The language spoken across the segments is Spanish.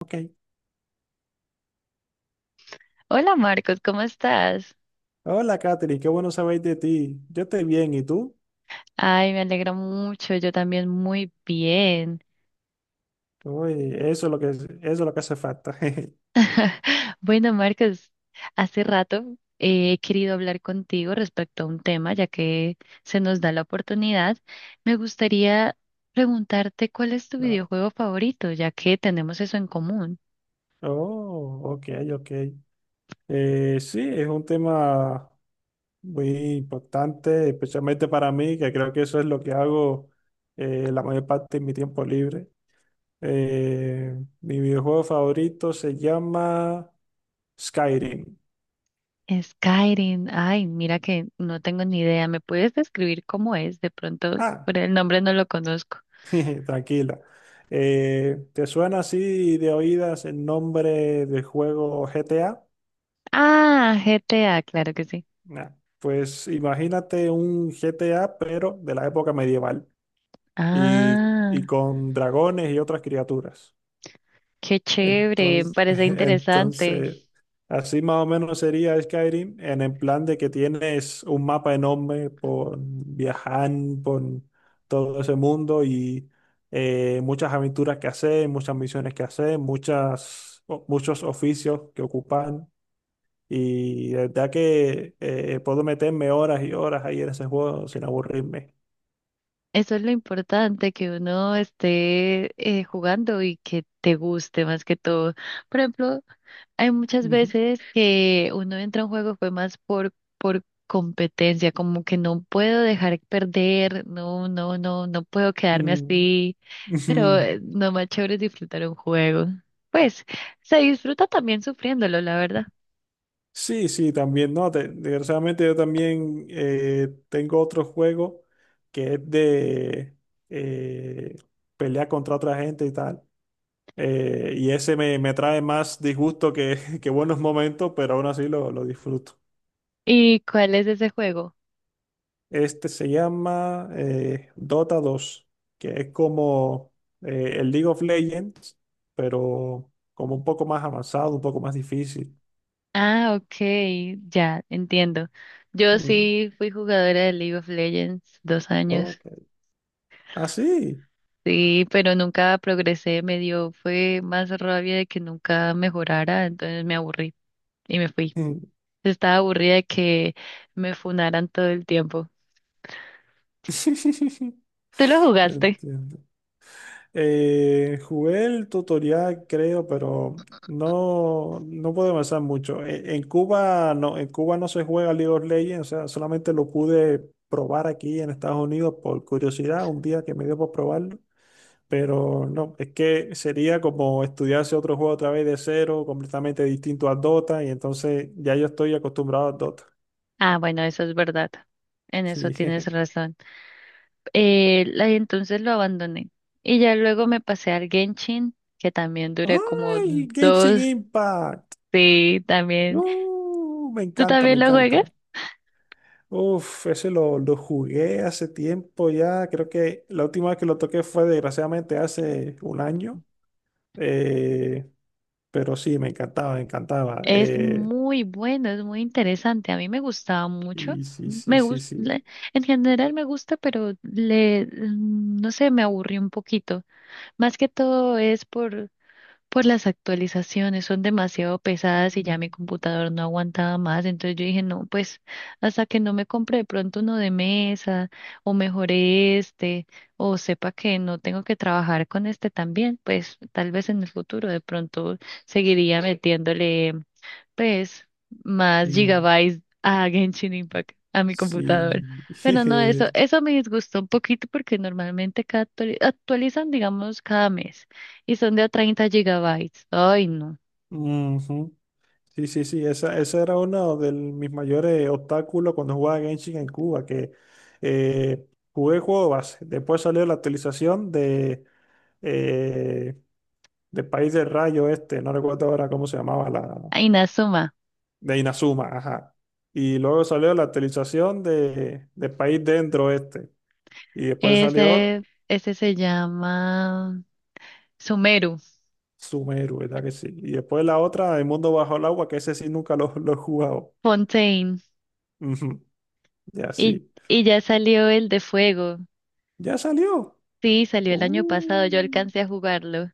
Ok. Hola Marcos, ¿cómo estás? Hola, Katherine, qué bueno saber de ti. Yo estoy bien, ¿y tú? Ay, me alegra mucho, yo también muy bien. Uy, eso es lo que hace falta. Bueno, Marcos, hace rato he querido hablar contigo respecto a un tema, ya que se nos da la oportunidad. Me gustaría preguntarte cuál es tu Claro. videojuego favorito, ya que tenemos eso en común. Oh, ok, ok. Sí, es un tema muy importante, especialmente para mí, que creo que eso es lo que hago la mayor parte de mi tiempo libre. Eh, Mi videojuego favorito se llama Skyrim. Skyrim, ay, mira que no tengo ni idea. ¿Me puedes describir cómo es? De pronto, Ah, por el nombre no lo conozco. Tranquila. ¿Te suena así de oídas el nombre del juego GTA? Ah, GTA, claro que sí. Nah. Pues imagínate un GTA, pero de la época medieval, y, Ah. Con dragones y otras criaturas. Qué chévere, me Entonces, parece interesante. entonces, así más o menos sería Skyrim en el plan de que tienes un mapa enorme por viajar por todo ese mundo y muchas aventuras que hacer, muchas misiones que hacer, muchos oficios que ocupar. Y de verdad que puedo meterme horas y horas ahí en ese juego sin aburrirme. Eso es lo importante, que uno esté jugando y que te guste más que todo. Por ejemplo, hay muchas Ujú. veces que uno entra a un juego fue más por competencia, como que no puedo dejar perder, no, no, no, no puedo quedarme Mm. así, pero no más chévere es disfrutar un juego. Pues se disfruta también sufriéndolo, la verdad. Sí, sí, también. No, desgraciadamente yo también tengo otro juego que es de eh, pelear contra otra gente y tal. Y ese me trae más disgusto que, que buenos momentos, pero aún así lo disfruto. ¿Y cuál es ese juego? Este se llama Dota dos, que es como el League of Legends, pero como un poco más avanzado, un poco más difícil. Ah, ok, ya, entiendo. Yo Mm, sí fui jugadora de League of Legends 2 años, ok. Ah, sí. sí, pero nunca progresé, me dio, fue más rabia de que nunca mejorara, entonces me aburrí y me fui. Estaba aburrida de que me funaran todo el tiempo. ¿Tú lo jugaste? Entiendo. Jugué el tutorial, creo, pero no, no pude avanzar mucho. En Cuba no, en Cuba no se juega League of Legends, o sea, solamente lo pude probar aquí en Estados Unidos por curiosidad, un día que me dio por probarlo. Pero no, es que sería como estudiarse otro juego otra vez de cero, completamente distinto a Dota, y entonces ya yo estoy acostumbrado a Dota. Ah, bueno, eso es verdad. En eso Sí. tienes razón. Y entonces lo abandoné. Y ya luego me pasé al Genshin, que también duré como ¡Ay, Genshin dos, Impact! sí, también. ¡Uh, me ¿Tú encanta, me también lo juegas? encanta! Uf, ese lo jugué hace tiempo ya. Creo que la última vez que lo toqué fue desgraciadamente hace un año. Eh, pero sí, me encantaba, me encantaba. Es muy bueno, es muy interesante. A mí me gustaba mucho. Y sí, sí, Me sí, gusta, sí. en general me gusta, pero no sé, me aburrió un poquito. Más que todo es por las actualizaciones, son demasiado pesadas y ya mi computador no aguantaba más. Entonces yo dije, no, pues hasta que no me compre de pronto uno de mesa o mejore este o sepa que no tengo que trabajar con este también, pues tal vez en el futuro de pronto seguiría metiéndole pues, más Y gigabytes a Genshin Impact a mi sí. computador. Pero no, eso, eso me disgustó un poquito porque normalmente cada actualizan, digamos, cada mes y son de a 30 gigabytes. Ay, no. Ujú. Sí, sí, sí. Ese era uno de mis mayores obstáculos cuando jugaba Genshin en Cuba, que eh, jugué el juego base. Después salió la actualización eh, de País del Rayo este, no recuerdo ahora cómo se llamaba la, Inazuma. de Inazuma, ajá. Y luego salió la actualización de País Dentro este, y después salió Ese, ese se llama Sumeru, Sumeru, ¿verdad que sí? Y después la otra, El Mundo Bajo el Agua, que ese sí nunca lo he jugado. Fontaine. Ujú. Ya Y, sí, y ya salió el de fuego. ya salió. Sí, salió el año pasado. Yo Uh, alcancé a jugarlo.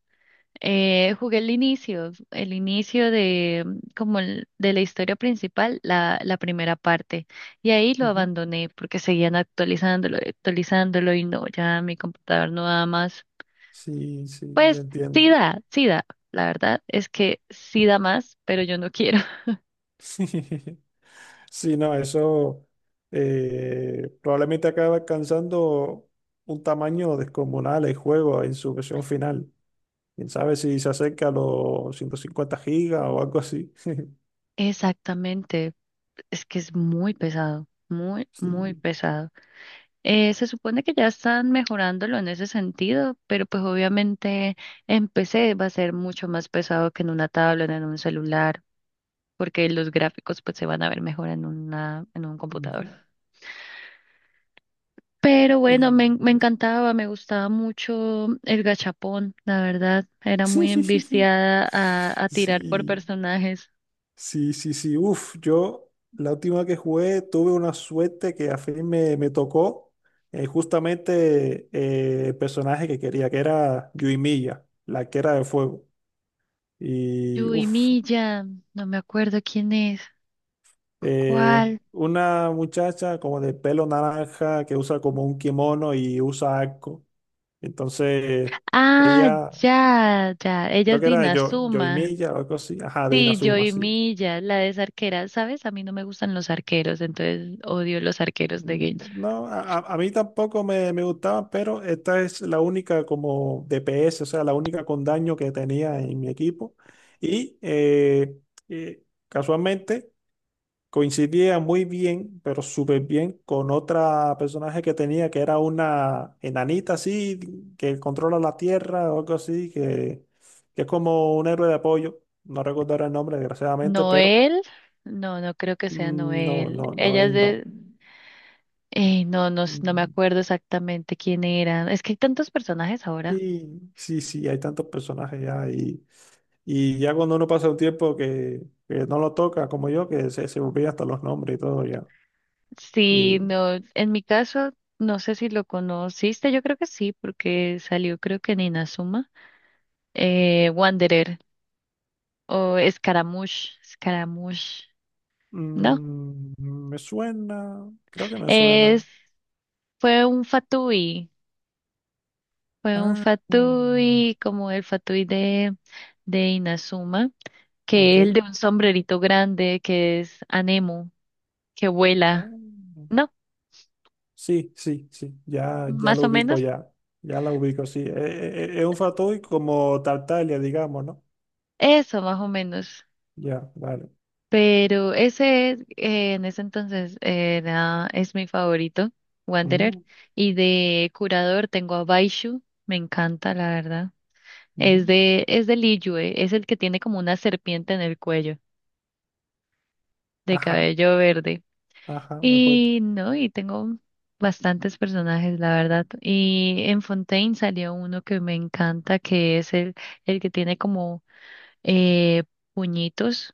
Jugué el inicio de mm, como el- de la historia principal, la primera parte, y ahí lo ujú. abandoné porque seguían actualizándolo, actualizándolo y no, ya mi computador no da más. Sí, sí, ya Pues sí entiendo. da, sí da, la verdad es que sí da más, pero yo no quiero. Sí, no, eso probablemente acaba alcanzando un tamaño descomunal el juego en su versión final. Quién sabe si se acerca a los 150 gigas o algo así. Exactamente, es que es muy pesado, muy, muy Sí. pesado. Se supone que ya están mejorándolo en ese sentido, pero pues obviamente en PC va a ser mucho más pesado que en una tablet, en un celular, porque los gráficos pues se van a ver mejor en una, en un computador. Ujú. Pero Y- bueno, me encantaba, me gustaba mucho el gachapón, la verdad, era muy enviciada a tirar por Sí, personajes. sí, sí, sí. Uf, yo la última que jugué tuve una suerte que a fin me tocó justamente el personaje que quería, que era Yuimiya, la que era de fuego. Y Yui uff, Milla, no me acuerdo quién es, cuál. una muchacha como de pelo naranja que usa como un kimono y usa arco. Entonces, Ah, ella, ya, ya, ella creo es que de era de yo, Inazuma. Yoimiya o algo así, ajá, de Sí, Inazuma, Joey sí. Milla, la de esa arquera, ¿sabes? A mí no me gustan los arqueros, entonces odio los arqueros de Genshin. No, a mí tampoco me gustaba, pero esta es la única como DPS, o sea, la única con daño que tenía en mi equipo. Y eh, casualmente coincidía muy bien, pero súper bien con otra personaje que tenía, que era una enanita así, que controla la tierra o algo así, que es como un héroe de apoyo. No recuerdo ahora el nombre, desgraciadamente, pero Noel, no, no creo que sea mm, Noel. No, Ella es él de... no. No, no, no me Mm. acuerdo exactamente quién era. Es que hay tantos personajes ahora. Y sí, sí, hay tantos personajes ya, y ya cuando uno pasa un tiempo que no lo toca, como yo, que se olvida hasta los nombres y todo ya. Sí, Y no, en mi caso, no sé si lo conociste, yo creo que sí, porque salió creo que en Inazuma. Wanderer o Scaramouche, Scaramouche, ¿no? mm, me suena, creo que me suena. Es, fue un Fatui. Fue un Ah, mm, fatui, como el fatui de Inazuma, que es el ok. de un sombrerito grande, que es Anemo, que Ah, vuela. No, sí, sí, sí. Ya, ya más lo o ubico, menos, ya. Ya la ubico, sí. Es un fatui como Tartaglia, digamos, ¿no? eso más o menos. Ya, vale. Pero ese, en ese entonces, era, es mi favorito, Wanderer. Mm, Y de curador tengo a Baishu, me encanta, la verdad. Es mm, de, es del Liyue, es el que tiene como una serpiente en el cuello, de ajá, cabello verde. ajá, me acuerdo. Y no, y tengo bastantes personajes, la verdad. Y en Fontaine salió uno que me encanta, que es el que tiene como eh, puñitos,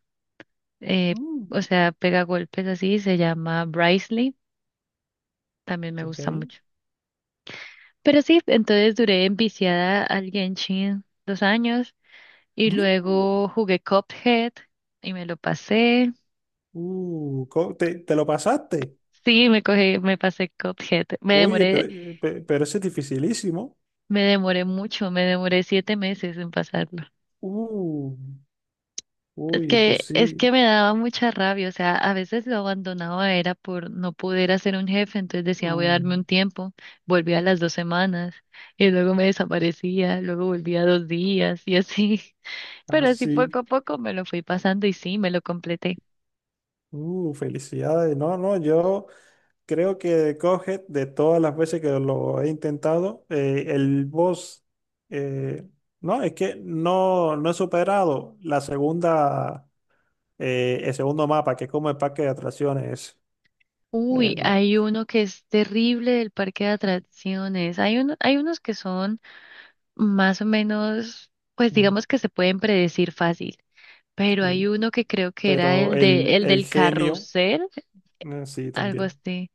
eh, Mm, o sea, pega golpes así, se llama Bricely, también me ok. gusta mucho. Pero sí, entonces duré enviciada al Genshin 2 años y Mm, luego jugué Cuphead y me lo pasé. Te lo pasaste. Sí, me pasé Cuphead. Oye, pero, pero ese es dificilísimo. Me demoré mucho, me demoré 7 meses en pasarlo. Uh, Es oye, pues que, es sí. que me daba mucha rabia, o sea, a veces lo abandonaba era por no poder hacer un jefe, entonces decía voy a darme Mm, un tiempo, volvía a las 2 semanas y luego me desaparecía, luego volvía 2 días y así, ah, pero así sí. poco a poco me lo fui pasando y sí, me lo completé. Felicidades. No, no, yo. Creo que de Cuphead, de todas las veces que lo he intentado, el boss, eh, no, es que no, no he superado la segunda, el segundo mapa, que es como el parque de atracciones. Uy, No. hay uno que es terrible del parque de atracciones, hay uno, hay unos que son más o menos, pues Mm, digamos que se pueden predecir fácil. Pero hay sí. uno que creo que era Pero el el del genio, carrusel, sí, algo también. así,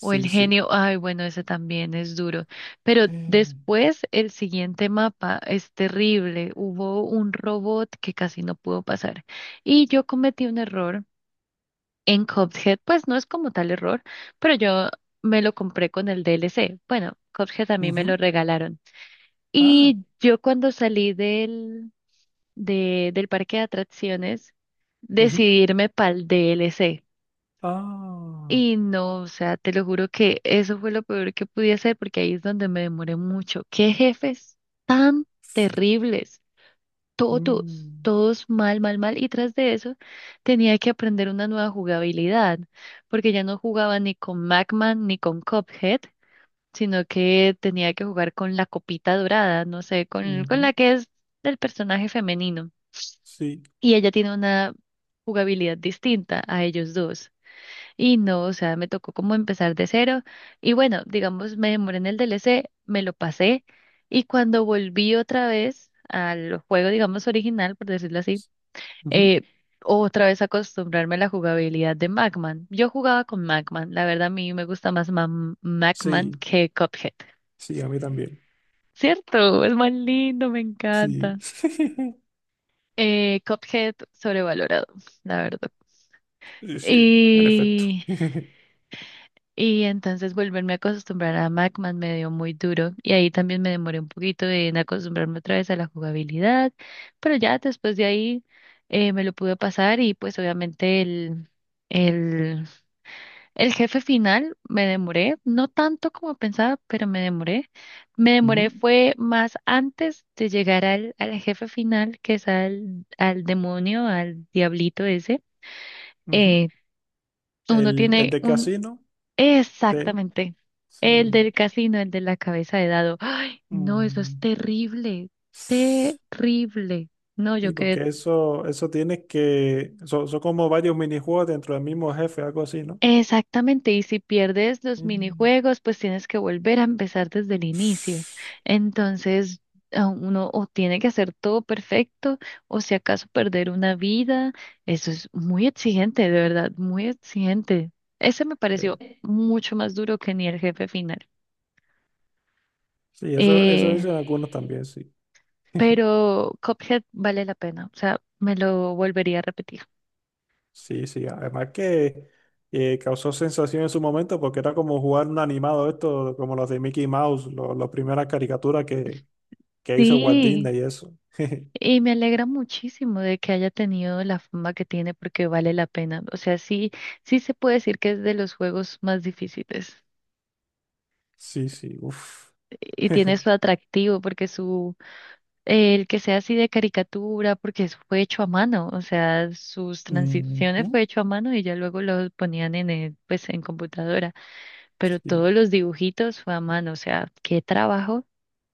o el sí. genio, ay, bueno, ese también es duro. Pero Mm. después el siguiente mapa es terrible. Hubo un robot que casi no pudo pasar. Y yo cometí un error en Cuphead, pues no es como tal error, pero yo me lo compré con el DLC. Bueno, Cuphead a mí me lo Ujú. regalaron. Ah, Y yo cuando salí del parque de atracciones ujú. decidirme para el DLC. Ah, Y no, o sea, te lo juro que eso fue lo peor que pude hacer porque ahí es donde me demoré mucho. Qué jefes tan terribles, todos, mm, todos mal, mal, mal. Y tras de eso tenía que aprender una nueva jugabilidad porque ya no jugaba ni con Magman ni con Cuphead, sino que tenía que jugar con la copita dorada, no sé, con ujú. la que es del personaje femenino. Sí, Y ella tiene una jugabilidad distinta a ellos dos. Y no, o sea, me tocó como empezar de cero. Y bueno, digamos, me demoré en el DLC, me lo pasé. Y cuando volví otra vez al juego, digamos, original, por decirlo así, ujú. eh, otra vez acostumbrarme a la jugabilidad de Magman. Yo jugaba con Magman. La verdad, a mí me gusta más Magman Sí, que Cuphead. sí, a mí también. ¿Cierto? Es más lindo, me Sí. encanta. Cuphead sobrevalorado, la verdad. Sí, sí, en efecto. Y Y entonces volverme a acostumbrar a Macman me dio muy duro y ahí también me demoré un poquito en acostumbrarme otra vez a la jugabilidad, pero ya después de ahí me lo pude pasar y pues obviamente el, el jefe final me demoré, no tanto como pensaba, pero me demoré. Me demoré Ujú, fue más antes de llegar al jefe final, que es al demonio, al diablito ese. ujú. Eh, Uno El tiene de un. casino, te, Exactamente. sí. El del casino, el de la cabeza de dado. Ay, no, eso es Mm. terrible, terrible. No, yo Sí, quedé. porque eso tienes que, son, son como varios minijuegos dentro del mismo jefe, algo así, ¿no? Exactamente, y si pierdes los Mm. minijuegos, pues tienes que volver a empezar desde el inicio. Entonces, a uno o tiene que hacer todo perfecto, o si acaso perder una vida. Eso es muy exigente, de verdad, muy exigente. Ese me pareció Eh, mucho más duro que ni el jefe final. sí, eso Eh, dicen algunos también, sí. pero Cuphead vale la pena, o sea, me lo volvería a repetir. Sí, sí. Además que causó sensación en su momento porque era como jugar un animado esto, como los de Mickey Mouse, las primeras caricaturas que hizo Walt Sí, Disney y eso. y me alegra muchísimo de que haya tenido la fama que tiene porque vale la pena. O sea, sí, sí se puede decir que es de los juegos más difíciles Sí, sí, uff. y tiene su atractivo porque el que sea así de caricatura, porque eso fue hecho a mano, o sea, sus Ujú. transiciones fue hecho a mano y ya luego lo ponían pues, en computadora, pero Sí, todos los dibujitos fue a mano, o sea, qué trabajo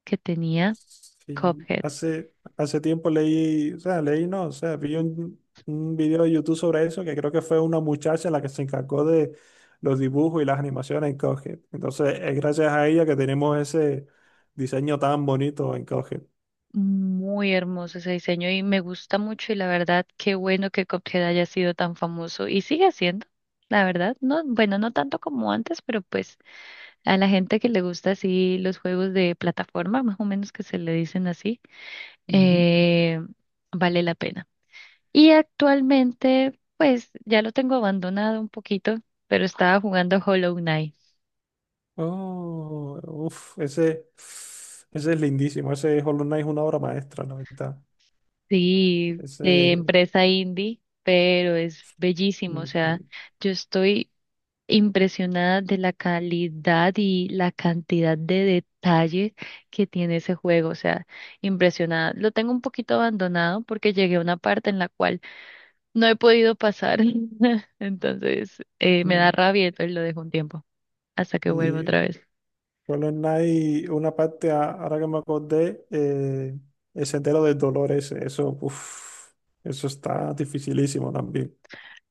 que tenía sí. Cuphead. Hace, hace tiempo leí, o sea, leí, no, o sea, vi un video de YouTube sobre eso que creo que fue una muchacha la que se encargó de los dibujos y las animaciones en Cuphead. Entonces, es gracias a ella que tenemos ese diseño tan bonito en Cuphead. Muy hermoso ese diseño y me gusta mucho y la verdad, qué bueno que Cuphead haya sido tan famoso y sigue siendo, la verdad, no, bueno, no tanto como antes, pero pues a la gente que le gusta así los juegos de plataforma, más o menos que se le dicen así, Ujú. eh, vale la pena. Y actualmente, pues ya lo tengo abandonado un poquito, pero estaba jugando Hollow Knight, Oh, uff, ese es lindísimo. Ese Hollow Knight es una obra maestra, la verdad. sí, de Ese. empresa indie, pero es bellísimo, o sea. Ujú. Yo estoy impresionada de la calidad y la cantidad de detalles que tiene ese juego, o sea, impresionada. Lo tengo un poquito abandonado porque llegué a una parte en la cual no he podido pasar, entonces me da rabia, entonces lo dejo un tiempo hasta que vuelva Y, otra vez. Hollow Knight, una parte, ahora que me acordé, el sendero del dolor ese, eso, uf, eso está dificilísimo también.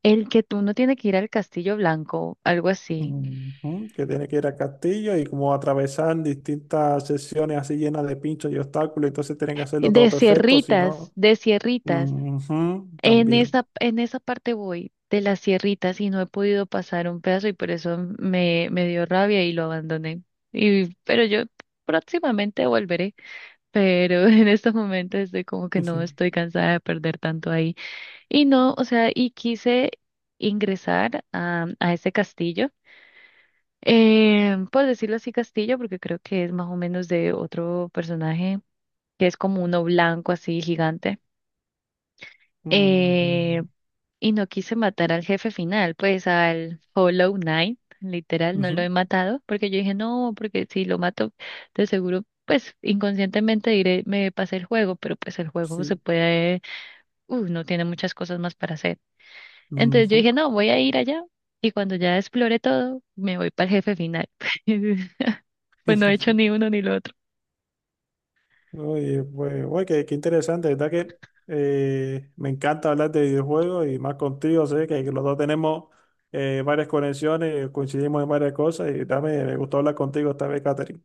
El que tú no tienes que ir al Castillo Blanco, algo así. Ujú. Que tiene que ir al castillo y como atravesar distintas sesiones así llenas de pinchos y obstáculos, entonces tienen que hacerlo todo De perfecto, si Sierritas, no, de Sierritas. ujú, En también. esa, en esa parte voy de las sierritas y no he podido pasar un pedazo y por eso me dio rabia y lo abandoné. Pero yo próximamente volveré, pero en estos momentos estoy como que no estoy cansada de perder tanto ahí. Y no, o sea, y quise ingresar a ese castillo. Por decirlo así, castillo, porque creo que es más o menos de otro personaje que es como uno blanco así gigante. Eh, Mm, Y no quise matar al jefe final, pues al Hollow Knight, literal, no lo ujú, he matado, porque yo dije, no, porque si lo mato, de seguro, pues inconscientemente diré, me pasé el juego, pero pues el juego se sí. puede, no tiene muchas cosas más para hacer. Entonces yo Ujú. dije, no, voy a ir allá, y cuando ya explore todo, me voy para el jefe final. Pues no he hecho ni uno ni lo otro. Oye, pues, oye, qué, qué interesante, ¿verdad? Que me encanta hablar de videojuegos y más contigo, sé que los dos tenemos varias conexiones, coincidimos en varias cosas y también me gustó hablar contigo esta vez, Catherine.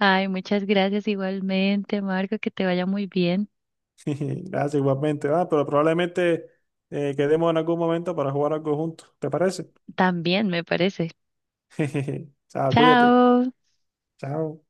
Ay, muchas gracias igualmente, Marco, que te vaya muy bien. Gracias igualmente, ah, pero probablemente quedemos en algún momento para jugar algo juntos, ¿te parece? También, me parece. Chao, cuídate. Chao. Chao.